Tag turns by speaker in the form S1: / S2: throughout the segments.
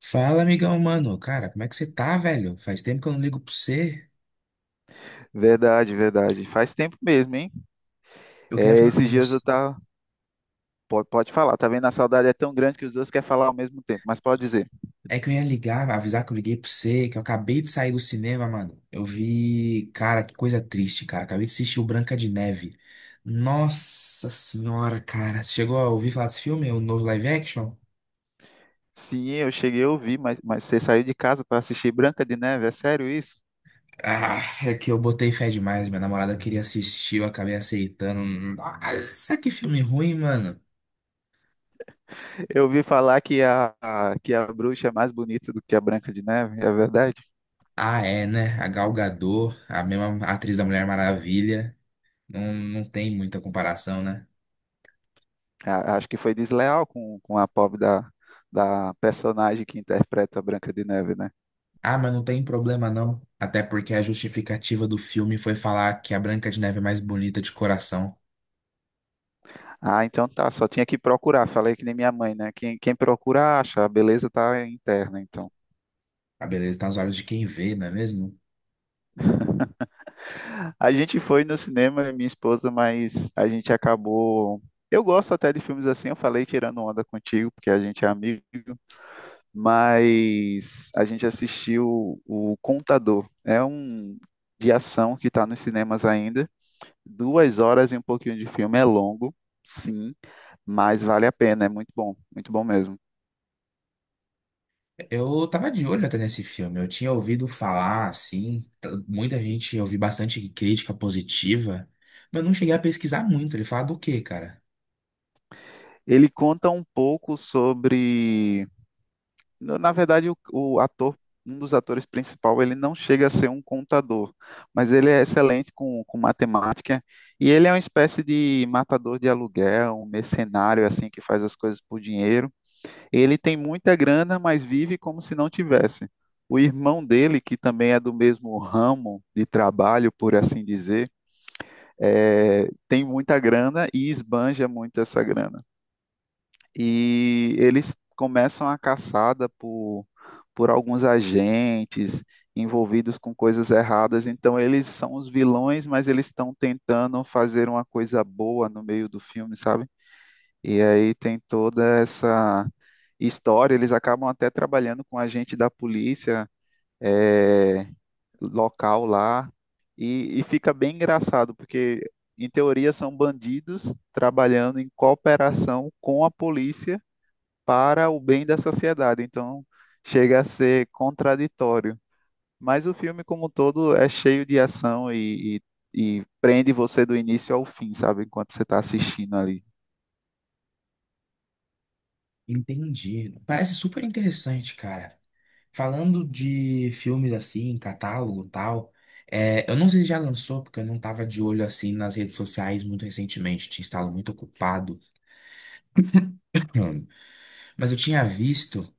S1: Fala, amigão, mano. Cara, como é que você tá, velho? Faz tempo que eu não ligo pra você.
S2: Verdade, verdade. Faz tempo mesmo, hein?
S1: Eu queria
S2: É,
S1: falar com
S2: esses dias
S1: você.
S2: eu tava. Pode falar, tá vendo? A saudade é tão grande que os dois querem falar ao mesmo tempo, mas pode dizer.
S1: É que eu ia ligar, avisar que eu liguei pra você, que eu acabei de sair do cinema, mano. Eu vi. Cara, que coisa triste, cara. Acabei de assistir o Branca de Neve. Nossa senhora, cara. Você chegou a ouvir falar desse filme, o novo live action?
S2: Sim, eu cheguei a ouvir, mas você saiu de casa para assistir Branca de Neve? É sério isso?
S1: Ah, é que eu botei fé demais. Minha namorada queria assistir, eu acabei aceitando. Nossa, que filme ruim, mano.
S2: Eu ouvi falar que a bruxa é mais bonita do que a Branca de Neve, é verdade?
S1: Ah, é, né? A Gal Gadot, a mesma atriz da Mulher Maravilha. Não, não tem muita comparação, né?
S2: Acho que foi desleal com a pobre da, da personagem que interpreta a Branca de Neve, né?
S1: Ah, mas não tem problema não. Até porque a justificativa do filme foi falar que a Branca de Neve é mais bonita de coração.
S2: Ah, então tá, só tinha que procurar. Falei que nem minha mãe, né? Quem procura acha, a beleza tá interna, então.
S1: A beleza tá nos olhos de quem vê, não é mesmo?
S2: A gente foi no cinema, eu e minha esposa, mas a gente acabou. Eu gosto até de filmes assim, eu falei tirando onda contigo, porque a gente é amigo, mas a gente assistiu o Contador. É um de ação que está nos cinemas ainda. 2 horas e um pouquinho de filme é longo, sim, mas vale a pena, é muito bom mesmo.
S1: Eu tava de olho até nesse filme. Eu tinha ouvido falar, assim, muita gente, eu vi bastante crítica positiva, mas eu não cheguei a pesquisar muito. Ele fala do quê, cara?
S2: Ele conta um pouco sobre. Na verdade, o ator, um dos atores principal, ele não chega a ser um contador, mas ele é excelente com matemática e ele é uma espécie de matador de aluguel, um mercenário assim que faz as coisas por dinheiro. Ele tem muita grana, mas vive como se não tivesse. O irmão dele, que também é do mesmo ramo de trabalho, por assim dizer, tem muita grana e esbanja muito essa grana e eles começam a caçada por alguns agentes envolvidos com coisas erradas. Então, eles são os vilões, mas eles estão tentando fazer uma coisa boa no meio do filme, sabe? E aí tem toda essa história. Eles acabam até trabalhando com um agente da polícia eh, local lá. E fica bem engraçado, porque em teoria são bandidos trabalhando em cooperação com a polícia para o bem da sociedade. Então, chega a ser contraditório. Mas o filme, como um todo, é cheio de ação e, e prende você do início ao fim, sabe? Enquanto você está assistindo ali.
S1: Entendi. Parece super interessante, cara. Falando de filmes assim, catálogo e tal, é, eu não sei se já lançou, porque eu não tava de olho assim nas redes sociais muito recentemente, tinha estado muito ocupado. hum, mas eu tinha visto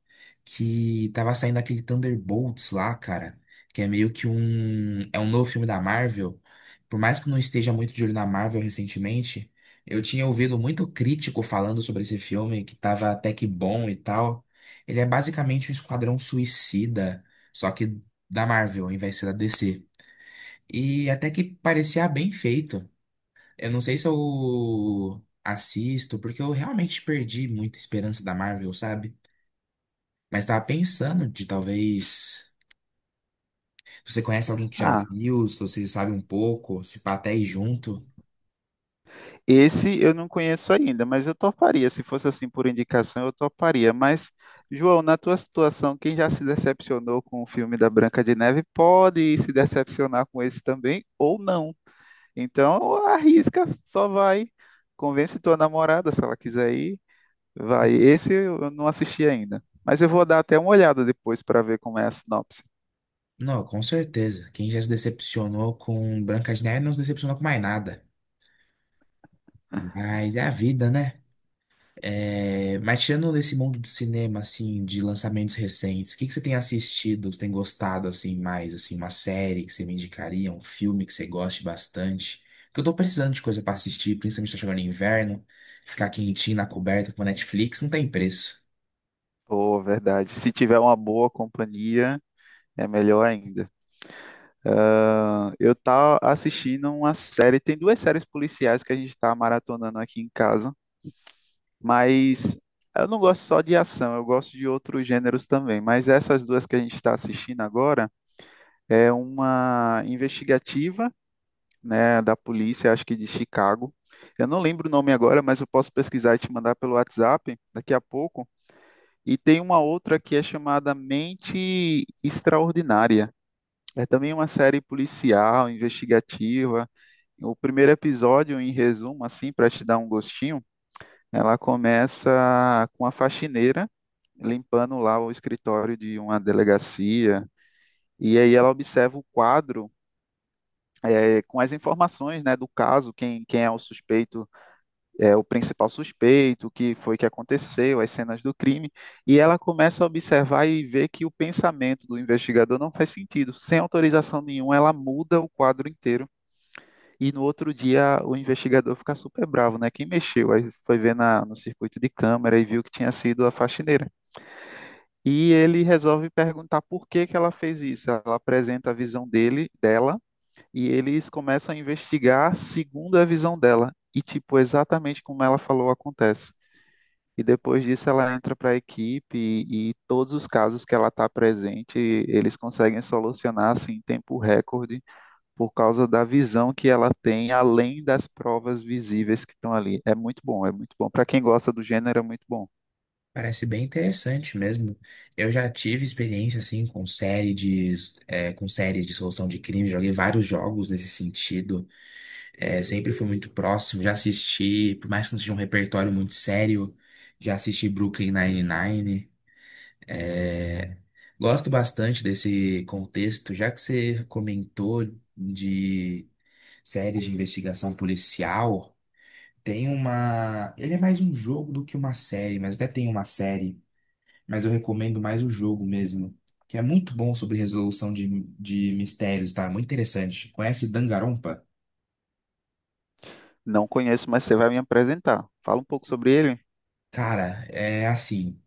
S1: que tava saindo aquele Thunderbolts lá, cara, que é meio que um, é um novo filme da Marvel. Por mais que eu não esteja muito de olho na Marvel recentemente, eu tinha ouvido muito crítico falando sobre esse filme, que tava até que bom e tal. Ele é basicamente um esquadrão suicida, só que da Marvel, ao invés de ser da DC. E até que parecia bem feito. Eu não sei se eu assisto, porque eu realmente perdi muita esperança da Marvel, sabe? Mas tava pensando de talvez. Se você conhece alguém que já
S2: Ah,
S1: viu, se você sabe um pouco, se pá até ir junto.
S2: esse eu não conheço ainda, mas eu toparia. Se fosse assim por indicação, eu toparia. Mas, João, na tua situação, quem já se decepcionou com o filme da Branca de Neve pode se decepcionar com esse também ou não. Então, arrisca, só vai. Convence tua namorada, se ela quiser ir,
S1: É.
S2: vai, esse eu não assisti ainda. Mas eu vou dar até uma olhada depois para ver como é a sinopse.
S1: Não, com certeza. Quem já se decepcionou com Branca de Neve não se decepcionou com mais nada. Mas é a vida, né? É, mas tirando desse mundo do cinema, assim, de lançamentos recentes, o que que você tem assistido, você tem gostado, assim, mais, assim, uma série que você me indicaria, um filme que você goste bastante? Porque eu tô precisando de coisa pra assistir, principalmente tá chegando inverno, ficar quentinho na coberta com a Netflix não tem preço.
S2: Pô, verdade. Se tiver uma boa companhia, é melhor ainda. Ah, eu tava assistindo uma série, tem duas séries policiais que a gente tá maratonando aqui em casa, mas eu não gosto só de ação, eu gosto de outros gêneros também. Mas essas duas que a gente está assistindo agora é uma investigativa, né, da polícia, acho que de Chicago. Eu não lembro o nome agora, mas eu posso pesquisar e te mandar pelo WhatsApp daqui a pouco. E tem uma outra que é chamada Mente Extraordinária. É também uma série policial, investigativa. O primeiro episódio, em resumo, assim, para te dar um gostinho, ela começa com a faxineira limpando lá o escritório de uma delegacia. E aí ela observa o quadro, com as informações, né, do caso, quem é o suspeito, o principal suspeito, o que foi que aconteceu, as cenas do crime, e ela começa a observar e ver que o pensamento do investigador não faz sentido. Sem autorização nenhuma, ela muda o quadro inteiro. E no outro dia o investigador fica super bravo, né? Quem mexeu? Aí foi ver na, no circuito de câmera e viu que tinha sido a faxineira. E ele resolve perguntar por que que ela fez isso. Ela apresenta a visão dele, dela, e eles começam a investigar segundo a visão dela. E, tipo, exatamente como ela falou acontece. E depois disso ela entra para a equipe e todos os casos que ela está presente, eles conseguem solucionar assim, em tempo recorde por causa da visão que ela tem, além das provas visíveis que estão ali. É muito bom, é muito bom. Para quem gosta do gênero, é muito bom.
S1: Parece bem interessante mesmo. Eu já tive experiência assim com é, com séries de solução de crime, joguei vários jogos nesse sentido. É, sempre fui muito próximo, já assisti, por mais que não seja um repertório muito sério, já assisti Brooklyn Nine-Nine. É, gosto bastante desse contexto, já que você comentou de séries de investigação policial. Tem uma. Ele é mais um jogo do que uma série, mas até tem uma série, mas eu recomendo mais o jogo mesmo, que é muito bom sobre de mistérios, tá? Muito interessante. Conhece Danganronpa?
S2: Não conheço, mas você vai me apresentar. Fala um pouco sobre ele.
S1: Cara, é assim,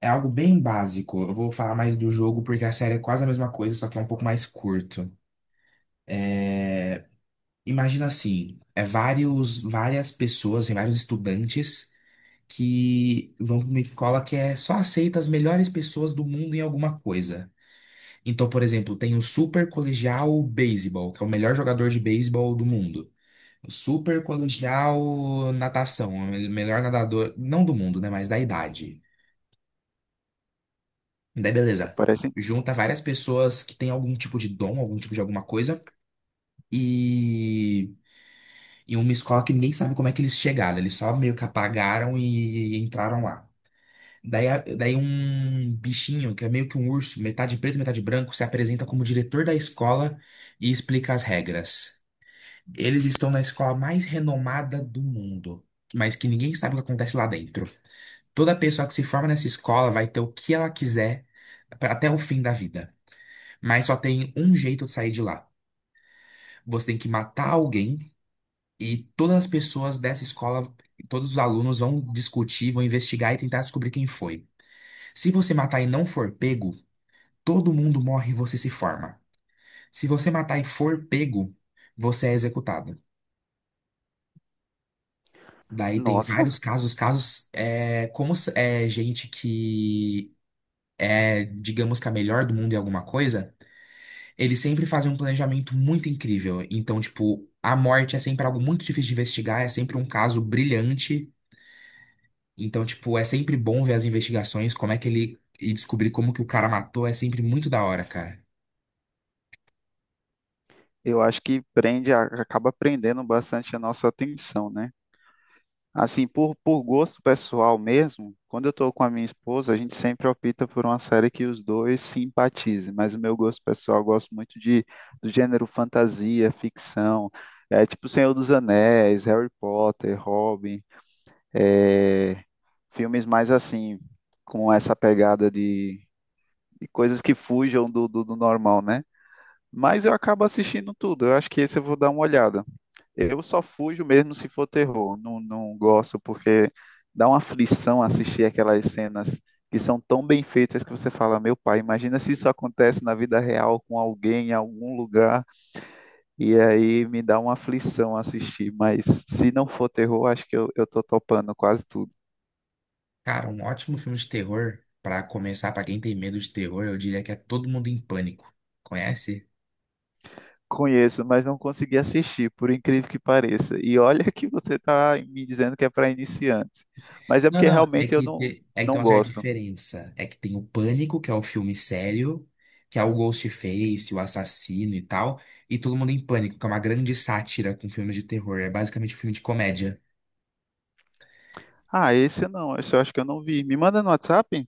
S1: é algo bem básico. Eu vou falar mais do jogo porque a série é quase a mesma coisa, só que é um pouco mais curto. É, imagina assim, é várias pessoas, e vários estudantes que vão para uma escola que é só aceita as melhores pessoas do mundo em alguma coisa. Então, por exemplo, tem o Super Colegial Baseball, que é o melhor jogador de beisebol do mundo. Super colegial natação, é o melhor nadador, não do mundo, né, mas da idade. Daí
S2: Pô,
S1: beleza.
S2: parece,
S1: Junta várias pessoas que têm algum tipo de dom, algum tipo de alguma coisa, e, e uma escola que ninguém sabe como é que eles chegaram, eles só meio que apagaram e entraram lá. Daí um bichinho, que é meio que um urso, metade preto, metade branco, se apresenta como diretor da escola e explica as regras. Eles estão na escola mais renomada do mundo, mas que ninguém sabe o que acontece lá dentro. Toda pessoa que se forma nessa escola vai ter o que ela quiser até o fim da vida. Mas só tem um jeito de sair de lá. Você tem que matar alguém e todas as pessoas dessa escola, todos os alunos vão discutir, vão investigar e tentar descobrir quem foi. Se você matar e não for pego, todo mundo morre e você se forma. Se você matar e for pego, você é executado. Daí tem
S2: nossa,
S1: vários casos é, como é gente que é, digamos que a melhor do mundo em alguma coisa. Eles sempre fazem um planejamento muito incrível. Então, tipo, a morte é sempre algo muito difícil de investigar, é sempre um caso brilhante. Então, tipo, é sempre bom ver as investigações, como é que ele. E descobrir como que o cara matou é sempre muito da hora, cara.
S2: eu acho que prende, acaba prendendo bastante a nossa atenção, né? Assim, por gosto pessoal mesmo, quando eu tô com a minha esposa, a gente sempre opta por uma série que os dois simpatizem, mas o meu gosto pessoal, eu gosto muito de, do gênero fantasia, ficção, tipo Senhor dos Anéis, Harry Potter, Robin, é, filmes mais assim, com essa pegada de coisas que fujam do, do normal, né? Mas eu acabo assistindo tudo, eu acho que esse eu vou dar uma olhada. Eu só fujo mesmo se for terror. Não, não gosto porque dá uma aflição assistir aquelas cenas que são tão bem feitas que você fala, meu pai, imagina se isso acontece na vida real com alguém em algum lugar e aí me dá uma aflição assistir. Mas se não for terror, acho que eu tô topando quase tudo.
S1: Cara, um ótimo filme de terror, pra começar, pra quem tem medo de terror, eu diria que é Todo Mundo em Pânico. Conhece?
S2: Conheço, mas não consegui assistir, por incrível que pareça. E olha que você está me dizendo que é para iniciantes. Mas é
S1: Não,
S2: porque
S1: não,
S2: realmente eu não,
S1: é que tem
S2: não
S1: uma certa
S2: gosto.
S1: diferença. É que tem o Pânico, que é o filme sério, que é o Ghostface, o assassino e tal, e Todo Mundo em Pânico, que é uma grande sátira com filmes de terror. É basicamente um filme de comédia.
S2: Ah, esse não, esse eu acho que eu não vi. Me manda no WhatsApp?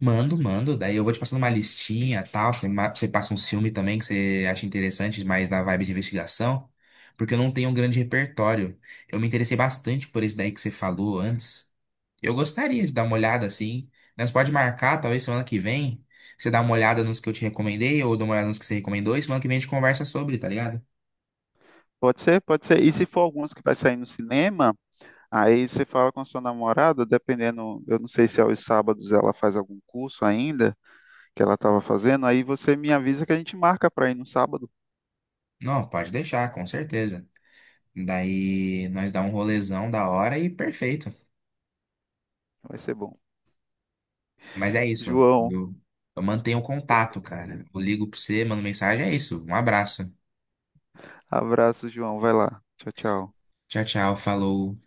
S1: Mando, mando, daí eu vou te passando uma listinha e tal. Você, você passa um filme também que você acha interessante, mas na vibe de investigação, porque eu não tenho um grande repertório. Eu me interessei bastante por esse daí que você falou antes. Eu gostaria de dar uma olhada assim. Nós pode marcar, talvez semana que vem, você dá uma olhada nos que eu te recomendei ou dá uma olhada nos que você recomendou e semana que vem a gente conversa sobre, tá ligado?
S2: Pode ser, pode ser. E se for alguns que vai sair no cinema, aí você fala com a sua namorada, dependendo, eu não sei se é aos sábados ela faz algum curso ainda, que ela estava fazendo, aí você me avisa que a gente marca para ir no sábado.
S1: Não, pode deixar, com certeza. Daí nós dá um rolezão da hora e perfeito.
S2: Vai ser bom.
S1: Mas é isso.
S2: João,
S1: Eu, eu mantenho o contato, cara. Eu ligo pra você, mando mensagem, é isso. Um abraço.
S2: abraço, João. Vai lá. Tchau, tchau.
S1: Tchau, tchau, falou.